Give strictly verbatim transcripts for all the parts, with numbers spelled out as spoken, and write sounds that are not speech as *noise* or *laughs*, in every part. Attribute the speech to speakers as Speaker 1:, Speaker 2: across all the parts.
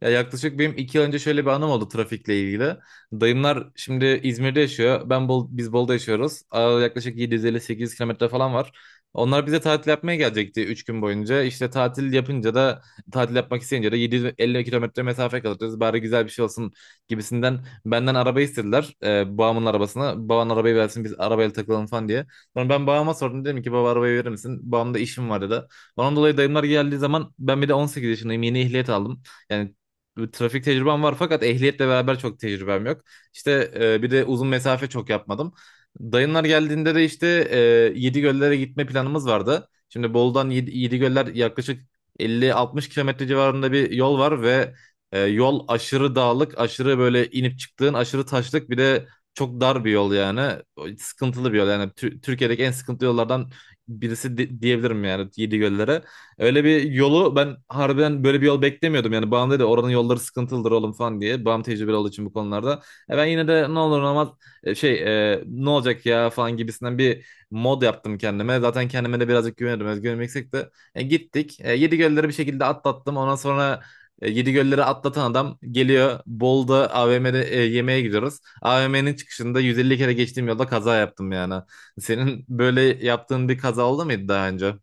Speaker 1: Ya yaklaşık benim iki yıl önce şöyle bir anım oldu trafikle ilgili. Dayımlar şimdi İzmir'de yaşıyor. Ben Bol, biz Bolu'da yaşıyoruz. Aa, yaklaşık yedi yüz elli sekiz yüz kilometre falan var. Onlar bize tatil yapmaya gelecekti üç gün boyunca. İşte tatil yapınca da tatil yapmak isteyince de yedi yüz elli kilometre mesafe kalacağız. Bari güzel bir şey olsun gibisinden benden araba istediler. Ee, babamın arabasını. Baban arabayı versin, biz arabayla takılalım falan diye. Sonra ben babama sordum, dedim ki baba arabayı verir misin? Babam da işim var dedi. Ondan dolayı dayımlar geldiği zaman ben bir de on sekiz yaşındayım, yeni ehliyet aldım. Yani bir trafik tecrübem var fakat ehliyetle beraber çok tecrübem yok. İşte e, bir de uzun mesafe çok yapmadım. Dayınlar geldiğinde de işte e, Yedigöller'e gitme planımız vardı. Şimdi Bolu'dan Yedi- Yedigöller yaklaşık elli altmış kilometre civarında bir yol var ve e, yol aşırı dağlık, aşırı böyle inip çıktığın, aşırı taşlık, bir de çok dar bir yol yani. O sıkıntılı bir yol, yani Tü- Türkiye'deki en sıkıntılı yollardan birisi di- diyebilirim yani Yedigöller'e. Öyle bir yolu ben harbiden böyle bir yol beklemiyordum. Yani babam dedi oranın yolları sıkıntılıdır oğlum falan diye. Babam tecrübeli olduğu için bu konularda. E ben yine de ne olur ne olmaz e, şey e, ne olacak ya falan gibisinden bir mod yaptım kendime. Zaten kendime de birazcık güveniyordum. Özgüvenim yüksek de. E, gittik. E, Yedi gölleri bir şekilde atlattım. Ondan sonra e, Yedi gölleri atlatan adam geliyor. Bolu'da A V M'de e, yemeğe gidiyoruz. A V M'nin çıkışında yüz elli kere geçtiğim yolda kaza yaptım yani. Senin böyle yaptığın bir kaza oldu muydu daha önce?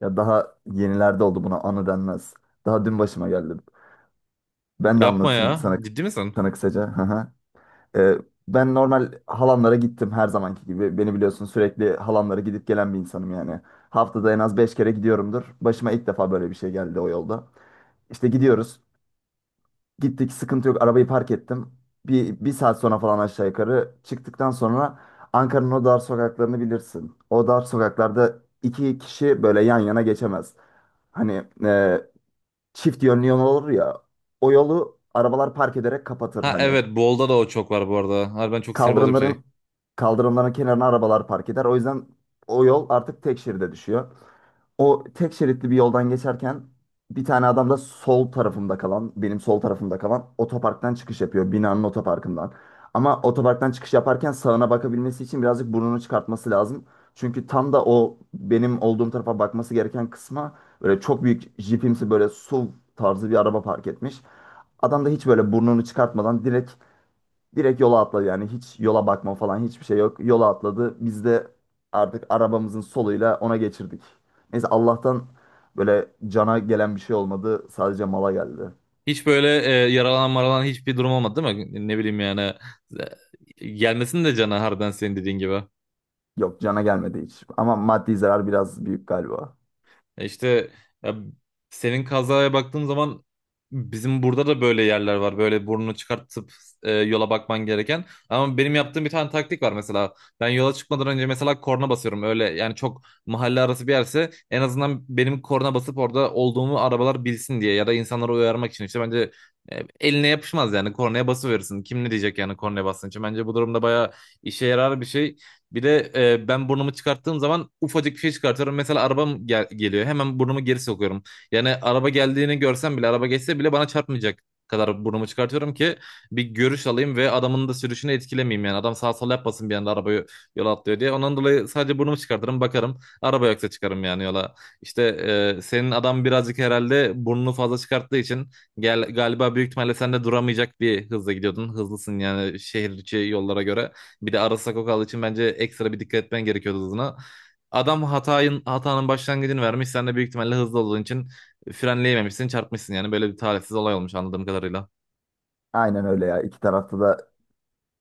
Speaker 2: Ya daha yenilerde oldu buna anı denmez. Daha dün başıma geldi. Ben de
Speaker 1: Yapma
Speaker 2: anlatayım
Speaker 1: ya.
Speaker 2: sana,
Speaker 1: Ciddi misin?
Speaker 2: sana kısaca. Hı hı. Ee, ben normal halamlara gittim her zamanki gibi. Beni biliyorsun sürekli halamlara gidip gelen bir insanım yani. Haftada en az beş kere gidiyorumdur. Başıma ilk defa böyle bir şey geldi o yolda. İşte gidiyoruz. Gittik, sıkıntı yok, arabayı park ettim. Bir, bir saat sonra falan aşağı yukarı çıktıktan sonra Ankara'nın o dar sokaklarını bilirsin. O dar sokaklarda iki kişi böyle yan yana geçemez. Hani e, çift yönlü yol olur ya. O yolu arabalar park ederek kapatır
Speaker 1: Ha
Speaker 2: hani.
Speaker 1: evet, Bolda da o çok var bu arada. Harbiden çok sinir bozucu bir şey.
Speaker 2: Kaldırımların kaldırımların kenarına arabalar park eder. O yüzden o yol artık tek şeride düşüyor. O tek şeritli bir yoldan geçerken bir tane adam da sol tarafımda kalan, benim sol tarafımda kalan otoparktan çıkış yapıyor. Binanın otoparkından. Ama otoparktan çıkış yaparken sağına bakabilmesi için birazcık burnunu çıkartması lazım. Çünkü tam da o benim olduğum tarafa bakması gereken kısma böyle çok büyük jipimsi, böyle S U V tarzı bir araba park etmiş. Adam da hiç böyle burnunu çıkartmadan direkt Direkt yola atladı, yani hiç yola bakma falan, hiçbir şey yok. Yola atladı. Biz de artık arabamızın soluyla ona geçirdik. Neyse, Allah'tan böyle cana gelen bir şey olmadı. Sadece mala geldi.
Speaker 1: Hiç böyle e, yaralanan maralanan hiçbir durum olmadı değil mi? Ne bileyim yani. e, Gelmesin de cana, harbiden senin dediğin gibi.
Speaker 2: Yok, cana gelmedi hiç. Ama maddi zarar biraz büyük galiba.
Speaker 1: E İşte ya, senin kazaya baktığım zaman bizim burada da böyle yerler var. Böyle burnunu çıkartıp e, yola bakman gereken. Ama benim yaptığım bir tane taktik var mesela. Ben yola çıkmadan önce mesela korna basıyorum. Öyle yani, çok mahalle arası bir yerse en azından benim korna basıp orada olduğumu arabalar bilsin diye ya da insanları uyarmak için, işte bence e, eline yapışmaz yani, kornaya basıverirsin. Kim ne diyecek yani kornaya bastığın için. Bence bu durumda bayağı işe yarar bir şey. Bir de e, ben burnumu çıkarttığım zaman ufacık bir şey çıkartıyorum. Mesela arabam gel- geliyor. Hemen burnumu geri sokuyorum. Yani araba geldiğini görsem bile, araba geçse bile bana çarpmayacak kadar burnumu çıkartıyorum ki bir görüş alayım ve adamın da sürüşünü etkilemeyeyim yani. Adam sağ sol yapmasın bir anda, arabayı yola atlıyor diye. Ondan dolayı sadece burnumu çıkartırım, bakarım. Araba yoksa çıkarım yani yola. İşte e, senin adam birazcık herhalde burnunu fazla çıkarttığı için gel, galiba büyük ihtimalle sen de duramayacak bir hızla gidiyordun. Hızlısın yani şehir içi yollara göre. Bir de Aras Sakokal için bence ekstra bir dikkat etmen gerekiyordu hızına. Adam hatayın, hatanın başlangıcını vermiş. Sen de büyük ihtimalle hızlı olduğun için frenleyememişsin, çarpmışsın yani. Böyle bir talihsiz olay olmuş anladığım kadarıyla.
Speaker 2: Aynen öyle ya. İki tarafta da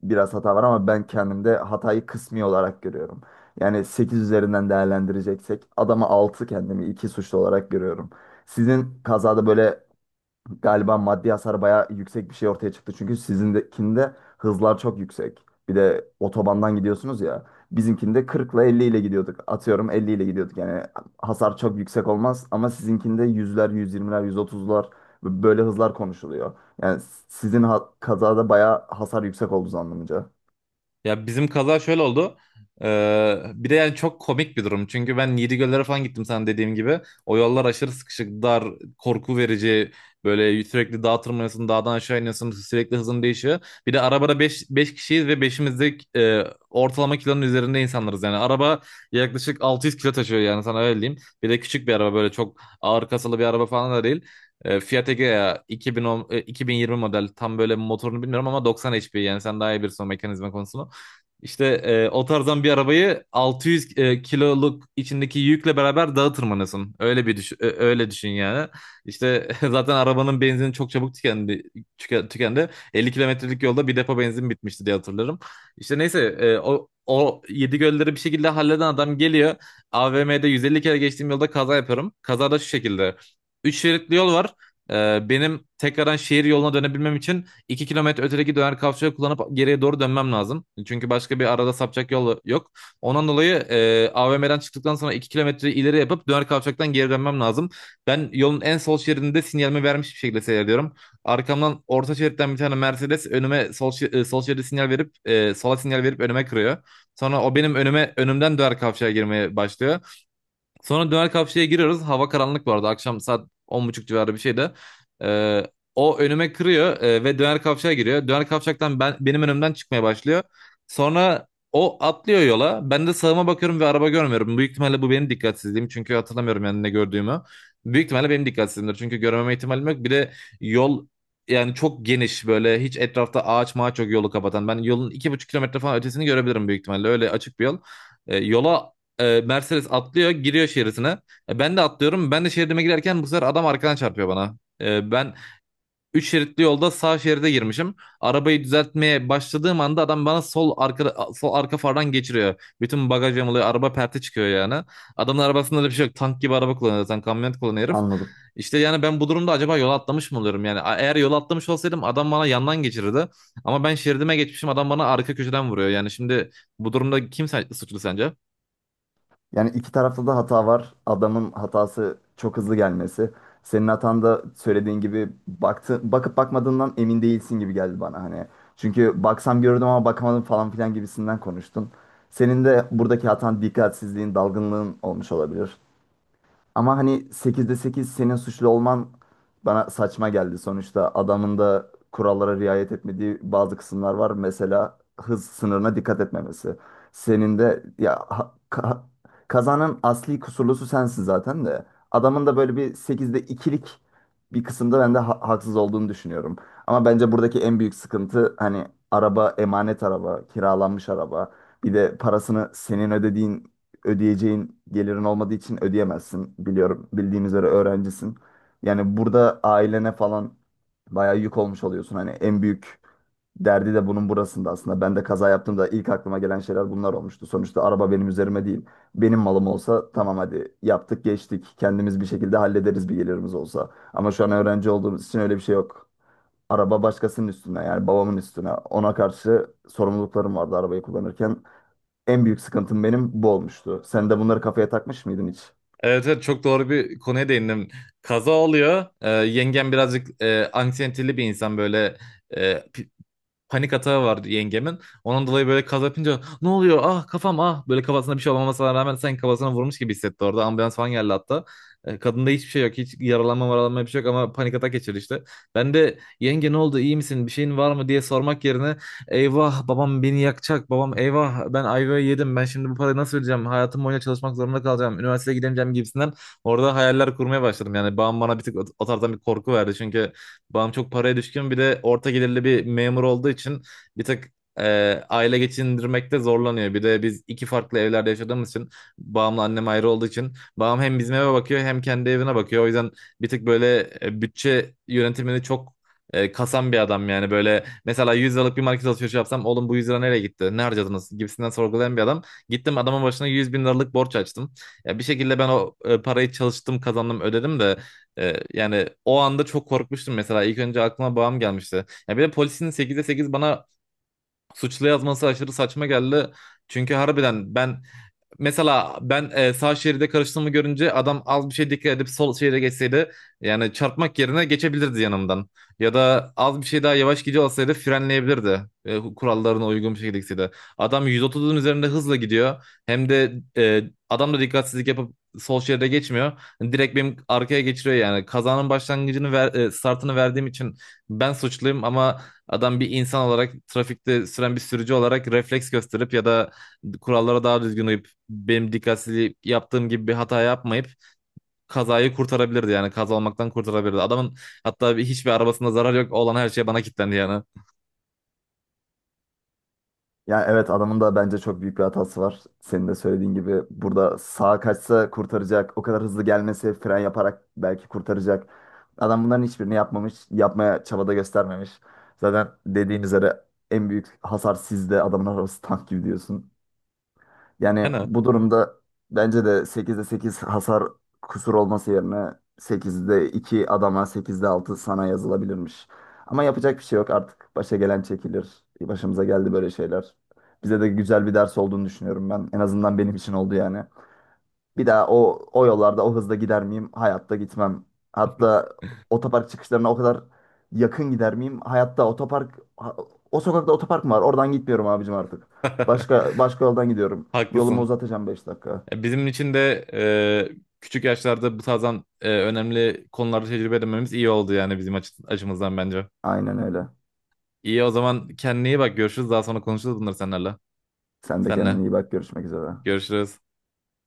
Speaker 2: biraz hata var ama ben kendimde hatayı kısmi olarak görüyorum. Yani sekiz üzerinden değerlendireceksek adama altı, kendimi iki suçlu olarak görüyorum. Sizin kazada böyle galiba maddi hasar bayağı yüksek bir şey ortaya çıktı. Çünkü sizindekinde hızlar çok yüksek. Bir de otobandan gidiyorsunuz ya. Bizimkinde kırk ile elli ile gidiyorduk. Atıyorum, elli ile gidiyorduk. Yani hasar çok yüksek olmaz ama sizinkinde yüzler, yüz yirmiler, yüz otuzlar, böyle hızlar konuşuluyor. Yani sizin ha- kazada bayağı hasar yüksek olduğu anlamınca.
Speaker 1: Ya bizim kaza şöyle oldu. Ee, bir de yani çok komik bir durum. Çünkü ben Yedigöllere falan gittim sana dediğim gibi. O yollar aşırı sıkışık, dar, korku verici. Böyle sürekli dağa tırmanıyorsun, dağdan aşağı iniyorsun. Sürekli hızın değişiyor. Bir de arabada beş beş kişiyiz ve beşimiz de e, ortalama kilonun üzerinde insanlarız. Yani araba yaklaşık altı yüz kilo taşıyor yani, sana öyle diyeyim. Bir de küçük bir araba, böyle çok ağır kasalı bir araba falan da değil. E, Fiat Egea iki bin on, e, iki bin yirmi model. Tam böyle motorunu bilmiyorum ama doksan H P, yani sen daha iyi bilirsin o mekanizma konusunu. İşte e, o tarzdan bir arabayı altı yüz e, kiloluk içindeki yükle beraber dağa tırmanıyorsun. Öyle bir düşün, ö- öyle düşün yani. İşte *laughs* zaten arabanın benzini çok çabuk tükendi. tüke- Tükendi. elli kilometrelik yolda bir depo benzin bitmişti diye hatırlarım. İşte neyse e, o o yedi gölleri bir şekilde halleden adam geliyor. A V M'de yüz elli kere geçtiğim yolda kaza yapıyorum. Kazada şu şekilde. Üç şeritli yol var. E, benim tekrardan şehir yoluna dönebilmem için iki kilometre ötedeki döner kavşağı kullanıp geriye doğru dönmem lazım. Çünkü başka bir arada sapacak yol yok. Ondan dolayı e, A V M'den çıktıktan sonra iki kilometre ileri yapıp döner kavşaktan geri dönmem lazım. Ben yolun en sol şeridinde sinyalimi vermiş bir şekilde seyrediyorum. Arkamdan orta şeritten bir tane Mercedes önüme sol, şe- e, sol şeride sinyal verip, e, sola sinyal verip önüme kırıyor. Sonra o benim önüme önümden döner kavşağa girmeye başlıyor. Sonra döner kapçıya giriyoruz. Hava karanlık bu arada. Akşam saat on buçuk civarı bir şeydi. Ee, O önüme kırıyor e, ve döner kavşağa giriyor. Döner kavşaktan ben, benim önümden çıkmaya başlıyor. Sonra o atlıyor yola. Ben de sağıma bakıyorum ve araba görmüyorum. Büyük ihtimalle bu benim dikkatsizliğim. Çünkü hatırlamıyorum yani ne gördüğümü. Büyük ihtimalle benim dikkatsizliğimdir. Çünkü görmeme ihtimalim yok. Bir de yol yani çok geniş, böyle hiç etrafta ağaç mağaç yok yolu kapatan. Ben yolun iki buçuk kilometre falan ötesini görebilirim büyük ihtimalle. Öyle açık bir yol. E, yola e, Mercedes atlıyor, giriyor şeridine. E, ben de atlıyorum. Ben de şeridime girerken bu sefer adam arkadan çarpıyor bana. E, ben üç şeritli yolda sağ şeride girmişim. Arabayı düzeltmeye başladığım anda adam bana sol arka sol arka fardan geçiriyor. Bütün bagaj yamuluyor. Araba perte çıkıyor yani. Adamın arabasında da bir şey yok. Tank gibi araba kullanıyor zaten. Kamyonet kullanıyor herif.
Speaker 2: Anladım.
Speaker 1: İşte yani ben bu durumda acaba yola atlamış mı oluyorum? Yani eğer yola atlamış olsaydım adam bana yandan geçirirdi. Ama ben şeridime geçmişim, adam bana arka köşeden vuruyor. Yani şimdi bu durumda kim sen- suçlu sence?
Speaker 2: Yani iki tarafta da hata var. Adamın hatası çok hızlı gelmesi. Senin hatan da söylediğin gibi baktı, bakıp bakmadığından emin değilsin gibi geldi bana hani. Çünkü baksam gördüm ama bakamadım falan filan gibisinden konuştun. Senin de buradaki hatan dikkatsizliğin, dalgınlığın olmuş olabilir. Ama hani sekizde sekiz senin suçlu olman bana saçma geldi. Sonuçta adamın da kurallara riayet etmediği bazı kısımlar var. Mesela hız sınırına dikkat etmemesi. Senin de ya ha- ka- kazanın asli kusurlusu sensin zaten de. Adamın da böyle bir sekizde ikilik bir kısımda ben de ha- haksız olduğunu düşünüyorum. Ama bence buradaki en büyük sıkıntı hani araba emanet araba, kiralanmış araba. Bir de parasını senin ödediğin ödeyeceğin gelirin olmadığı için ödeyemezsin. Biliyorum, bildiğim üzere öğrencisin. Yani burada ailene falan bayağı yük olmuş oluyorsun. Hani en büyük derdi de bunun burasında aslında. Ben de kaza yaptığımda ilk aklıma gelen şeyler bunlar olmuştu. Sonuçta araba benim üzerime değil. Benim malım olsa tamam, hadi yaptık geçtik. Kendimiz bir şekilde hallederiz bir gelirimiz olsa. Ama şu an öğrenci olduğumuz için öyle bir şey yok. Araba başkasının üstüne, yani babamın üstüne. Ona karşı sorumluluklarım vardı arabayı kullanırken. En büyük sıkıntım benim bu olmuştu. Sen de bunları kafaya takmış mıydın hiç?
Speaker 1: Evet, evet, çok doğru bir konuya değindim. Kaza oluyor. Ee, yengem birazcık e, anksiyeteli bir insan, böyle panik atağı vardı yengemin. Onun dolayı böyle kaz yapınca ne oluyor, ah kafam, ah, böyle kafasına bir şey olmamasına rağmen sanki kafasına vurmuş gibi hissetti orada. Ambulans falan geldi hatta. E, Kadında hiçbir şey yok. Hiç yaralanma varalanma bir şey yok ama panik atak geçirdi işte. Ben de yenge ne oldu, iyi misin, bir şeyin var mı diye sormak yerine, eyvah babam beni yakacak, babam, eyvah ben ayvayı yedim, ben şimdi bu parayı nasıl ödeyeceğim, hayatım boyunca çalışmak zorunda kalacağım, üniversiteye gidemeyeceğim gibisinden orada hayaller kurmaya başladım. Yani babam bana bir tık o o tarzdan bir korku verdi, çünkü babam çok paraya düşkün, bir de orta gelirli bir memur olduğu için bir tık e, aile geçindirmekte zorlanıyor. Bir de biz iki farklı evlerde yaşadığımız için, babamla annem ayrı olduğu için, babam hem bizim eve bakıyor hem kendi evine bakıyor. O yüzden bir tık böyle e, bütçe yönetimini çok e, kasan bir adam. Yani böyle, mesela yüz liralık bir market alışverişi yapsam, oğlum bu yüz lira nereye gitti, ne harcadınız gibisinden sorgulayan bir adam. Gittim adamın başına yüz bin liralık borç açtım. Ya bir şekilde ben o e, parayı çalıştım, kazandım, ödedim de, ee, yani o anda çok korkmuştum mesela. İlk önce aklıma babam gelmişti. Ya bir de polisin sekize sekiz bana suçlu yazması aşırı saçma geldi. Çünkü harbiden ben mesela ben e, sağ şeride karıştığımı görünce adam az bir şey dikkat edip sol şeride geçseydi yani çarpmak yerine geçebilirdi yanımdan. Ya da az bir şey daha yavaş gidiyor olsaydı frenleyebilirdi. E, kurallarına uygun bir şekilde gitseydi. Adam yüz otuzun üzerinde hızla gidiyor. Hem de e, adam da dikkatsizlik yapıp sol şeride geçmiyor. Direkt benim arkaya geçiriyor yani. Kazanın başlangıcını ver, e, startını verdiğim için ben suçluyum, ama adam bir insan olarak, trafikte süren bir sürücü olarak refleks gösterip ya da kurallara daha düzgün uyup, benim dikkatsizliği yaptığım gibi bir hata yapmayıp kazayı kurtarabilirdi, yani kaza olmaktan kurtarabilirdi. Adamın hatta bir- hiçbir arabasında zarar yok, olan her şey bana kilitlendi yani.
Speaker 2: Yani evet, adamın da bence çok büyük bir hatası var. Senin de söylediğin gibi burada sağa kaçsa kurtaracak. O kadar hızlı gelmesi, fren yaparak belki kurtaracak. Adam bunların hiçbirini yapmamış. Yapmaya çabada göstermemiş. Zaten dediğin üzere en büyük hasar sizde. Adamın arabası tank gibi diyorsun. Yani
Speaker 1: Yani
Speaker 2: bu durumda bence de sekizde sekiz hasar kusur olması yerine sekizde iki adama, sekizde altı sana yazılabilirmiş. Ama yapacak bir şey yok artık. Başa gelen çekilir. Başımıza geldi böyle şeyler. Bize de güzel bir ders olduğunu düşünüyorum ben. En azından benim için oldu yani. Bir daha o o yollarda o hızda gider miyim? Hayatta gitmem. Hatta otopark çıkışlarına o kadar yakın gider miyim? Hayatta otopark ha- o sokakta otopark mı var? Oradan gitmiyorum abicim artık.
Speaker 1: *laughs*
Speaker 2: Başka başka yoldan gidiyorum. Yolumu
Speaker 1: haklısın.
Speaker 2: uzatacağım beş dakika.
Speaker 1: E, Bizim için de e, küçük yaşlarda bu tarzdan e, önemli konularda tecrübe edinmemiz iyi oldu yani bizim açı- açımızdan bence.
Speaker 2: Aynen öyle.
Speaker 1: İyi, o zaman kendine iyi bak, görüşürüz, daha sonra konuşuruz bunları seninle.
Speaker 2: Sen de
Speaker 1: Senle
Speaker 2: kendine iyi bak. Görüşmek üzere.
Speaker 1: görüşürüz.